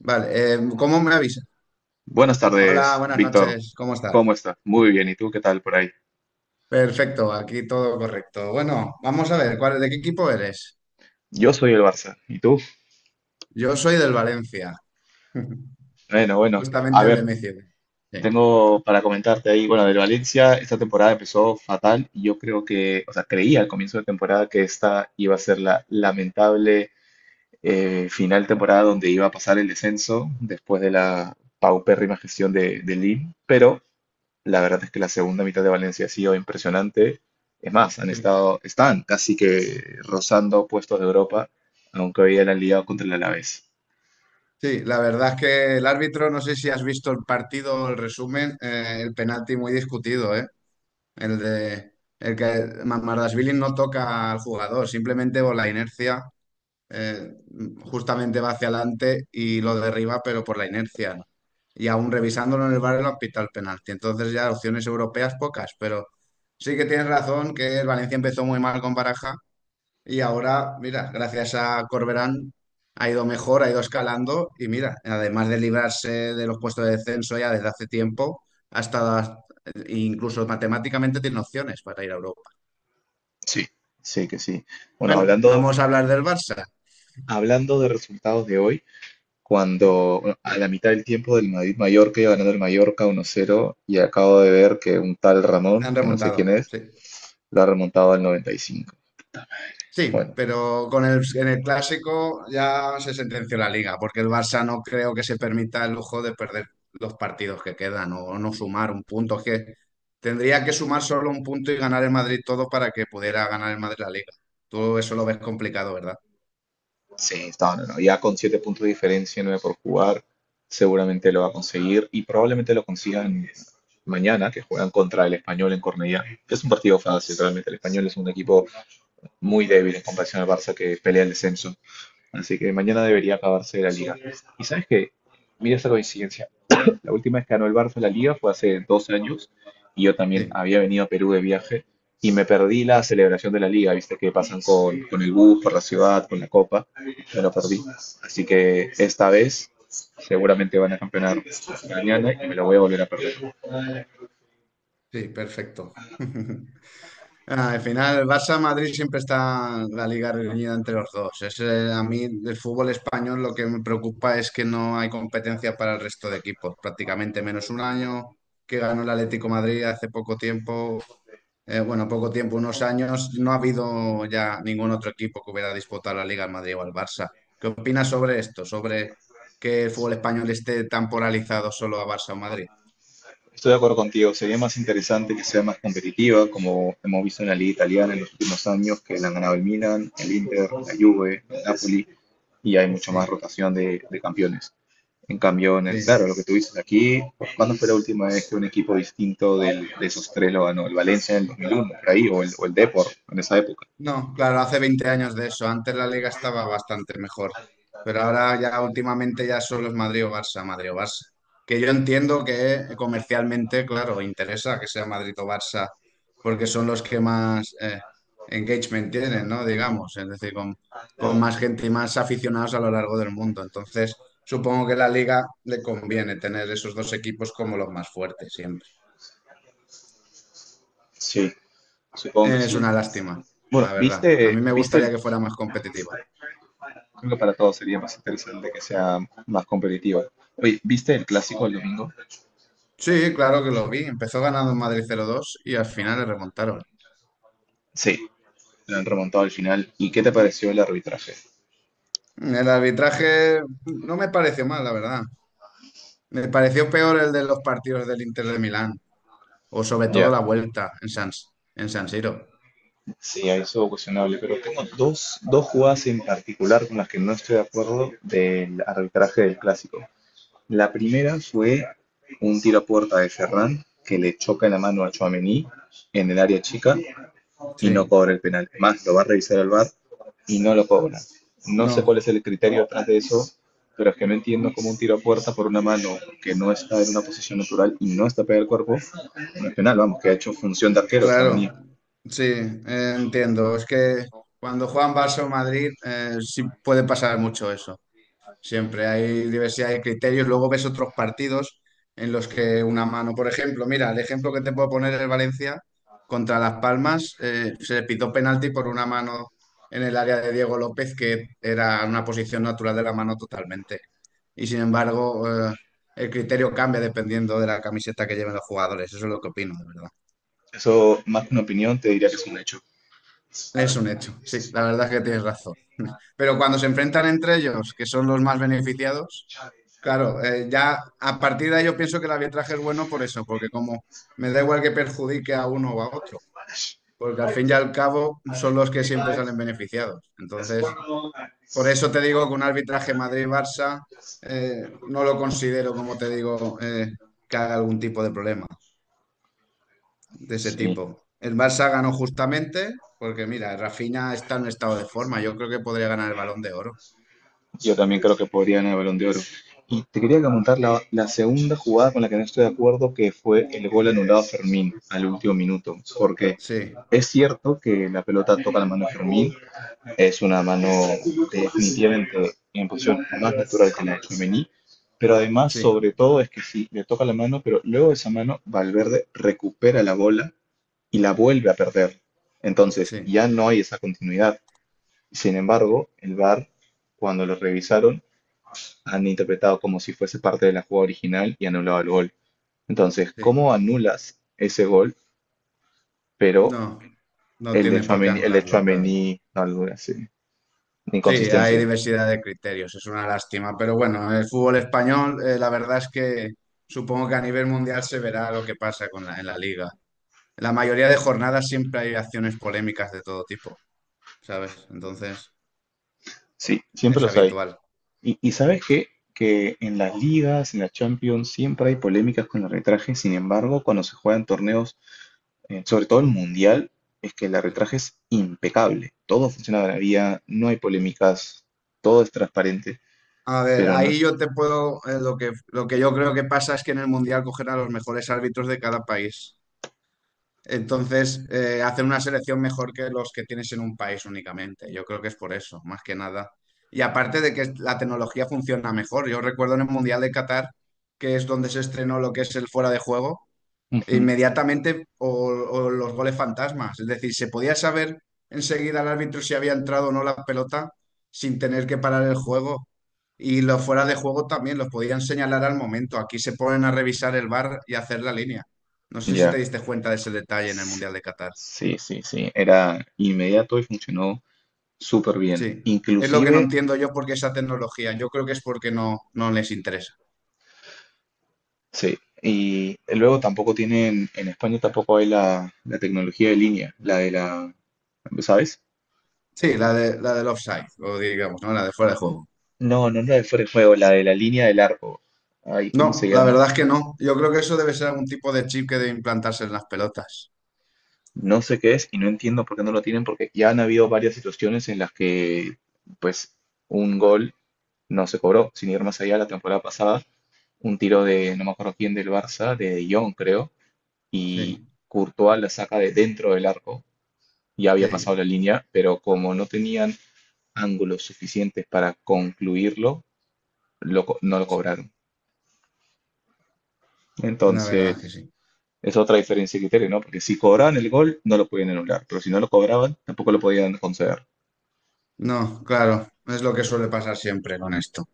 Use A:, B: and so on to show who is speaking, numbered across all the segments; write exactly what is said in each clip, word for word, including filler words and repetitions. A: Vale, eh, ¿cómo me avisas?
B: Buenas
A: Hola,
B: tardes,
A: buenas
B: Víctor.
A: noches, ¿cómo
B: ¿Cómo
A: estás?
B: estás? Muy bien. ¿Y tú qué tal por ahí?
A: Perfecto, aquí todo correcto. Bueno, vamos a ver, ¿cuál, ¿de qué equipo eres?
B: Yo soy el Barça. ¿Y tú?
A: Yo soy del Valencia,
B: Bueno, bueno. A
A: justamente el de
B: ver,
A: Messi. Sí,
B: tengo para comentarte ahí, bueno, del Valencia, esta temporada empezó fatal y yo creo que, o sea, creía al comienzo de temporada que esta iba a ser la lamentable eh, final temporada donde iba a pasar el descenso después de la paupérrima gestión de, de Lim. Pero la verdad es que la segunda mitad de Valencia ha sido impresionante. Es más, han
A: sí.
B: estado, están casi que rozando puestos de Europa, aunque hoy ya la han liado contra el Alavés.
A: Sí, la verdad es que el árbitro, no sé si has visto el partido o el resumen, eh, el penalti muy discutido, ¿eh? El de el que Mamardashvili no toca al jugador, simplemente por la inercia, eh, justamente va hacia adelante y lo derriba, pero por la inercia, ¿no? Y aún revisándolo en el V A R lo han pitado el penalti. Entonces ya opciones europeas pocas, pero sí que tienes razón que el Valencia empezó muy mal con Baraja y ahora, mira, gracias a Corberán ha ido mejor, ha ido escalando y mira, además de librarse de los puestos de descenso ya desde hace tiempo, ha estado incluso matemáticamente tiene opciones para ir a Europa.
B: Sí, sí que sí. Bueno,
A: Bueno,
B: hablando,
A: vamos a hablar del Barça.
B: hablando de resultados de hoy,
A: Sí,
B: cuando, bueno, a la mitad del tiempo del Madrid-Mallorca iba ganando el Mallorca uno cero, y acabo de ver que un tal Ramón,
A: han
B: que no sé quién
A: remontado,
B: es,
A: sí.
B: lo ha remontado al noventa y cinco.
A: Sí,
B: Bueno,
A: pero con el, en el clásico ya se sentenció la liga, porque el Barça no creo que se permita el lujo de perder los partidos que quedan o no sumar un punto. Es que tendría que sumar solo un punto y ganar el Madrid todo para que pudiera ganar el Madrid la liga. Tú eso lo ves complicado, ¿verdad?
B: sí, no, no, no. Ya con siete puntos de diferencia, nueve por jugar, seguramente lo va a conseguir y probablemente lo consigan mañana, que juegan contra el Español en Cornellá. Es un partido fácil, realmente. El Español es un equipo muy débil en comparación al Barça, que pelea el descenso. Así que mañana debería acabarse la liga. Y sabes qué, mira esta coincidencia. La última vez que ganó el Barça la Liga fue hace dos años, y yo también
A: Sí,
B: había venido a Perú de viaje y me perdí
A: sí,
B: la celebración de la Liga. Viste que pasan con, con el bus, por la ciudad, con la copa, me lo perdí. Así que esta vez seguramente van a campeonar mañana y me lo voy a volver a perder.
A: sí, perfecto. Ah, al final, Barça-Madrid siempre está la liga reñida entre los dos. Es, eh, a mí del fútbol español lo que me preocupa es que no hay competencia para el resto de equipos. Prácticamente menos un año que ganó el Atlético Madrid hace poco tiempo, eh, bueno, poco tiempo, unos años, no ha habido ya ningún otro equipo que hubiera disputado la liga al Madrid o al Barça. ¿Qué opinas sobre esto? Sobre que el fútbol español esté tan polarizado solo a Barça o Madrid.
B: Estoy de acuerdo contigo, sería más interesante que sea más competitiva, como hemos visto en la Liga Italiana en los últimos años, que la han ganado el Milan, el Inter, la Juve, el Napoli, y hay mucho más
A: Sí,
B: rotación de, de campeones. En cambio, en el-
A: sí.
B: claro, lo que tú dices aquí, ¿cuándo fue la última vez que un equipo distinto del- de esos tres lo ganó? El Valencia en el dos mil uno, por ahí, o el, o el Depor, en esa época.
A: No, claro, hace veinte años de eso. Antes la liga estaba bastante mejor. Pero ahora ya últimamente ya solo es Madrid o Barça, Madrid o Barça. Que yo entiendo que comercialmente, claro, interesa que sea Madrid o Barça, porque son los que más eh, engagement tienen, ¿no? Digamos, es decir, con, con más gente y más aficionados a lo largo del mundo. Entonces, supongo que a la liga le conviene tener esos dos equipos como los más fuertes siempre.
B: Sí, supongo que
A: Eh, es
B: sí.
A: una lástima,
B: Bueno,
A: la verdad. A
B: ¿viste,
A: mí me
B: viste
A: gustaría
B: el...
A: que fuera más competitiva.
B: Creo que para todos sería más interesante que sea más competitiva. Oye, ¿viste el clásico el domingo?
A: Sí, claro que lo vi. Empezó ganando en Madrid cero dos y al final le remontaron.
B: Sí, lo han remontado al final. ¿Y qué te pareció el arbitraje?
A: El arbitraje no me pareció mal, la verdad. Me pareció peor el de los partidos del Inter de Milán, o sobre todo
B: Ya,
A: la vuelta en San, en San Siro.
B: sí, ahí estuvo cuestionable, pero tengo dos, dos jugadas en particular con las que no estoy de acuerdo del arbitraje del clásico. La primera fue un tiro a puerta de Ferran que le choca la mano a Tchouaméni en el área chica y no
A: Sí,
B: cobra el penal. Más, lo va a revisar el V A R y no lo cobra. No sé cuál
A: no,
B: es el criterio detrás de eso, pero es que no entiendo cómo un tiro a puerta por una mano que no está en una posición natural y no está pegada al cuerpo no es penal. Vamos, que ha hecho función de arquero Tchouaméni.
A: claro, sí, eh, entiendo. Es que cuando juegan Barça o Madrid, eh, sí puede pasar mucho eso. Siempre hay diversidad de criterios. Luego ves otros partidos en los que una mano, por ejemplo, mira, el ejemplo que te puedo poner es Valencia contra Las Palmas. Eh, se le pitó penalti por una mano en el área de Diego López, que era una posición natural de la mano totalmente. Y sin embargo, eh, el criterio cambia dependiendo de la camiseta que lleven los jugadores. Eso es lo que opino, de verdad.
B: Eso, más que una opinión, te diría que es un hecho.
A: Es un hecho. Sí, la verdad es que tienes razón. Pero cuando se enfrentan entre ellos, que son los más beneficiados. Claro, eh, ya a partir de ahí yo pienso que el arbitraje es bueno por eso, porque como me da igual que perjudique a uno o a otro, porque al fin y al cabo son los que siempre salen beneficiados. Entonces, por eso te digo que un arbitraje Madrid-Barça eh, no lo considero, como te digo, eh, que haga algún tipo de problema de ese
B: Sí,
A: tipo. El Barça ganó justamente, porque mira, Rafinha está en un estado de forma, yo creo que podría ganar el Balón de Oro.
B: yo también creo que podría ganar el Balón de Oro. Y te quería comentar la, la segunda jugada con la que no estoy de acuerdo, que fue el gol anulado a Fermín al último minuto. Porque
A: Sí,
B: es cierto que la pelota toca la mano de Fermín, es una mano definitivamente en posición más natural que la de Tchouaméni, pero además,
A: sí,
B: sobre todo, es que sí, le toca la mano, pero luego de esa mano Valverde recupera la bola y la vuelve a perder. Entonces,
A: sí,
B: ya no hay esa continuidad. Sin embargo, el V A R, cuando lo revisaron, han interpretado como si fuese parte de la jugada original y anulado el gol. Entonces,
A: sí.
B: ¿cómo anulas ese gol, pero
A: No, no
B: el de
A: tiene por qué
B: Tchouaméni, el de
A: anularlo, claro.
B: Tchouaméni, no, algo así,
A: Sí, hay
B: inconsistencia?
A: diversidad de criterios, es una lástima, pero bueno, el fútbol español, eh, la verdad es que supongo que a nivel mundial se verá lo que pasa con la, en la liga. En la mayoría de jornadas siempre hay acciones polémicas de todo tipo, ¿sabes? Entonces,
B: Sí, siempre
A: es
B: los hay.
A: habitual.
B: Y, y ¿sabes qué? Que en las ligas, en la Champions, siempre hay polémicas con el arbitraje. Sin embargo, cuando se juegan torneos, eh, sobre todo el Mundial, es que el
A: Sí.
B: arbitraje es impecable. Todo funciona de maravilla, no hay polémicas, todo es transparente.
A: A ver,
B: Pero no
A: ahí
B: es...
A: yo te puedo, eh, lo que, lo que yo creo que pasa es que en el mundial cogerán a los mejores árbitros de cada país. Entonces, eh, hacen una selección mejor que los que tienes en un país únicamente. Yo creo que es por eso, más que nada. Y aparte de que la tecnología funciona mejor. Yo recuerdo en el Mundial de Qatar, que es donde se estrenó lo que es el fuera de juego,
B: Ujú,
A: inmediatamente o, o los goles fantasmas. Es decir, se podía saber enseguida al árbitro si había entrado o no la pelota sin tener que parar el juego. Y los fuera de juego también los podían señalar al momento. Aquí se ponen a revisar el V A R y a hacer la línea. No sé si te
B: ya.
A: diste cuenta de ese detalle en el
B: S-
A: Mundial de Qatar.
B: Sí, sí, sí. Era inmediato y funcionó súper bien.
A: Sí, es lo que no
B: Inclusive,
A: entiendo yo porque esa tecnología. Yo creo que es porque no, no les interesa.
B: sí. Y luego tampoco tienen, en España tampoco hay la, la tecnología de línea, la de la, ¿sabes?
A: Sí, la de, la del offside, o digamos, ¿no? La de fuera de juego.
B: No, no es la de fuera de juego, la de la línea del arco. Ay, ¿cómo se
A: No, la
B: llama?
A: verdad es que no. Yo creo que eso debe ser algún tipo de chip que debe implantarse en las pelotas.
B: No sé qué es y no entiendo por qué no lo tienen, porque ya han habido varias situaciones en las que, pues, un gol no se cobró, sin ir más allá la temporada pasada. Un tiro de, no me acuerdo quién del Barça, de De Jong, creo, y
A: Sí,
B: Courtois la saca de dentro del arco, ya había pasado
A: sí,
B: la línea, pero como no tenían ángulos suficientes para concluirlo, lo co- no lo
A: sí.
B: cobraron.
A: La verdad es que
B: Entonces,
A: sí.
B: es otra diferencia de criterio, ¿no? Porque si cobraban el gol, no lo podían anular, pero si no lo cobraban, tampoco lo podían conceder.
A: No, claro, es lo que suele pasar siempre con esto.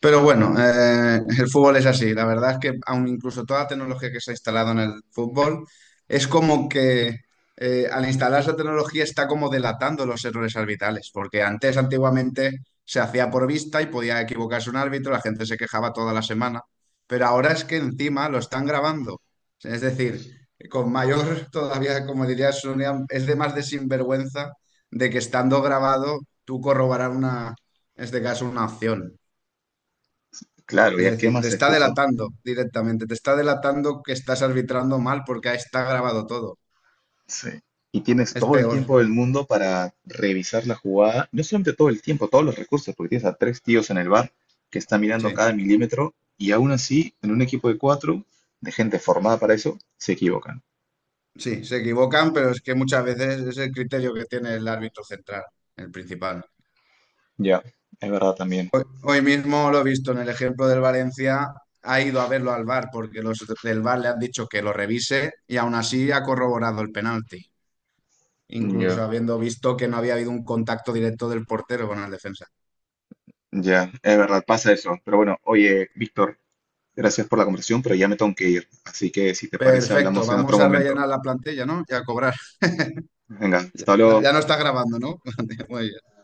A: Pero bueno, eh, el fútbol es así. La verdad es que aun incluso toda la tecnología que se ha instalado en el fútbol, es como que eh, al instalar esa tecnología está como delatando los errores arbitrales, porque antes, antiguamente, se hacía por vista y podía equivocarse un árbitro, la gente se quejaba toda la semana, pero ahora es que encima lo están grabando. Es decir, con mayor, todavía, como diría Sonia, es de más de sinvergüenza de que estando grabado tú corroborar una, en este caso, una acción.
B: Claro,
A: Es
B: ya qué
A: decir, te
B: más
A: está
B: excusa.
A: delatando directamente, te está delatando que estás arbitrando mal porque ahí está grabado todo.
B: Sí. Y tienes
A: Es
B: todo el
A: peor.
B: tiempo del mundo para revisar la jugada. No solamente todo el tiempo, todos los recursos, porque tienes a tres tíos en el bar que están mirando
A: Sí,
B: cada milímetro y aún así, en un equipo de cuatro, de gente formada para eso, se equivocan.
A: sí, se equivocan, pero es que muchas veces es el criterio que tiene el árbitro central, el principal.
B: Ya, es verdad también.
A: Hoy mismo lo he visto en el ejemplo del Valencia, ha ido a verlo al V A R porque los del V A R le han dicho que lo revise y aún así ha corroborado el penalti, incluso
B: Ya.
A: habiendo visto que no había habido un contacto directo del portero con el defensa.
B: Ya, es verdad, pasa eso. Pero bueno, oye, Víctor, gracias por la conversación, pero ya me tengo que ir. Así que si te parece,
A: Perfecto,
B: hablamos en otro
A: vamos a
B: momento.
A: rellenar la plantilla, ¿no? Y a cobrar.
B: Venga, hasta
A: Ya,
B: luego.
A: ya no está grabando, ¿no? Muy bien.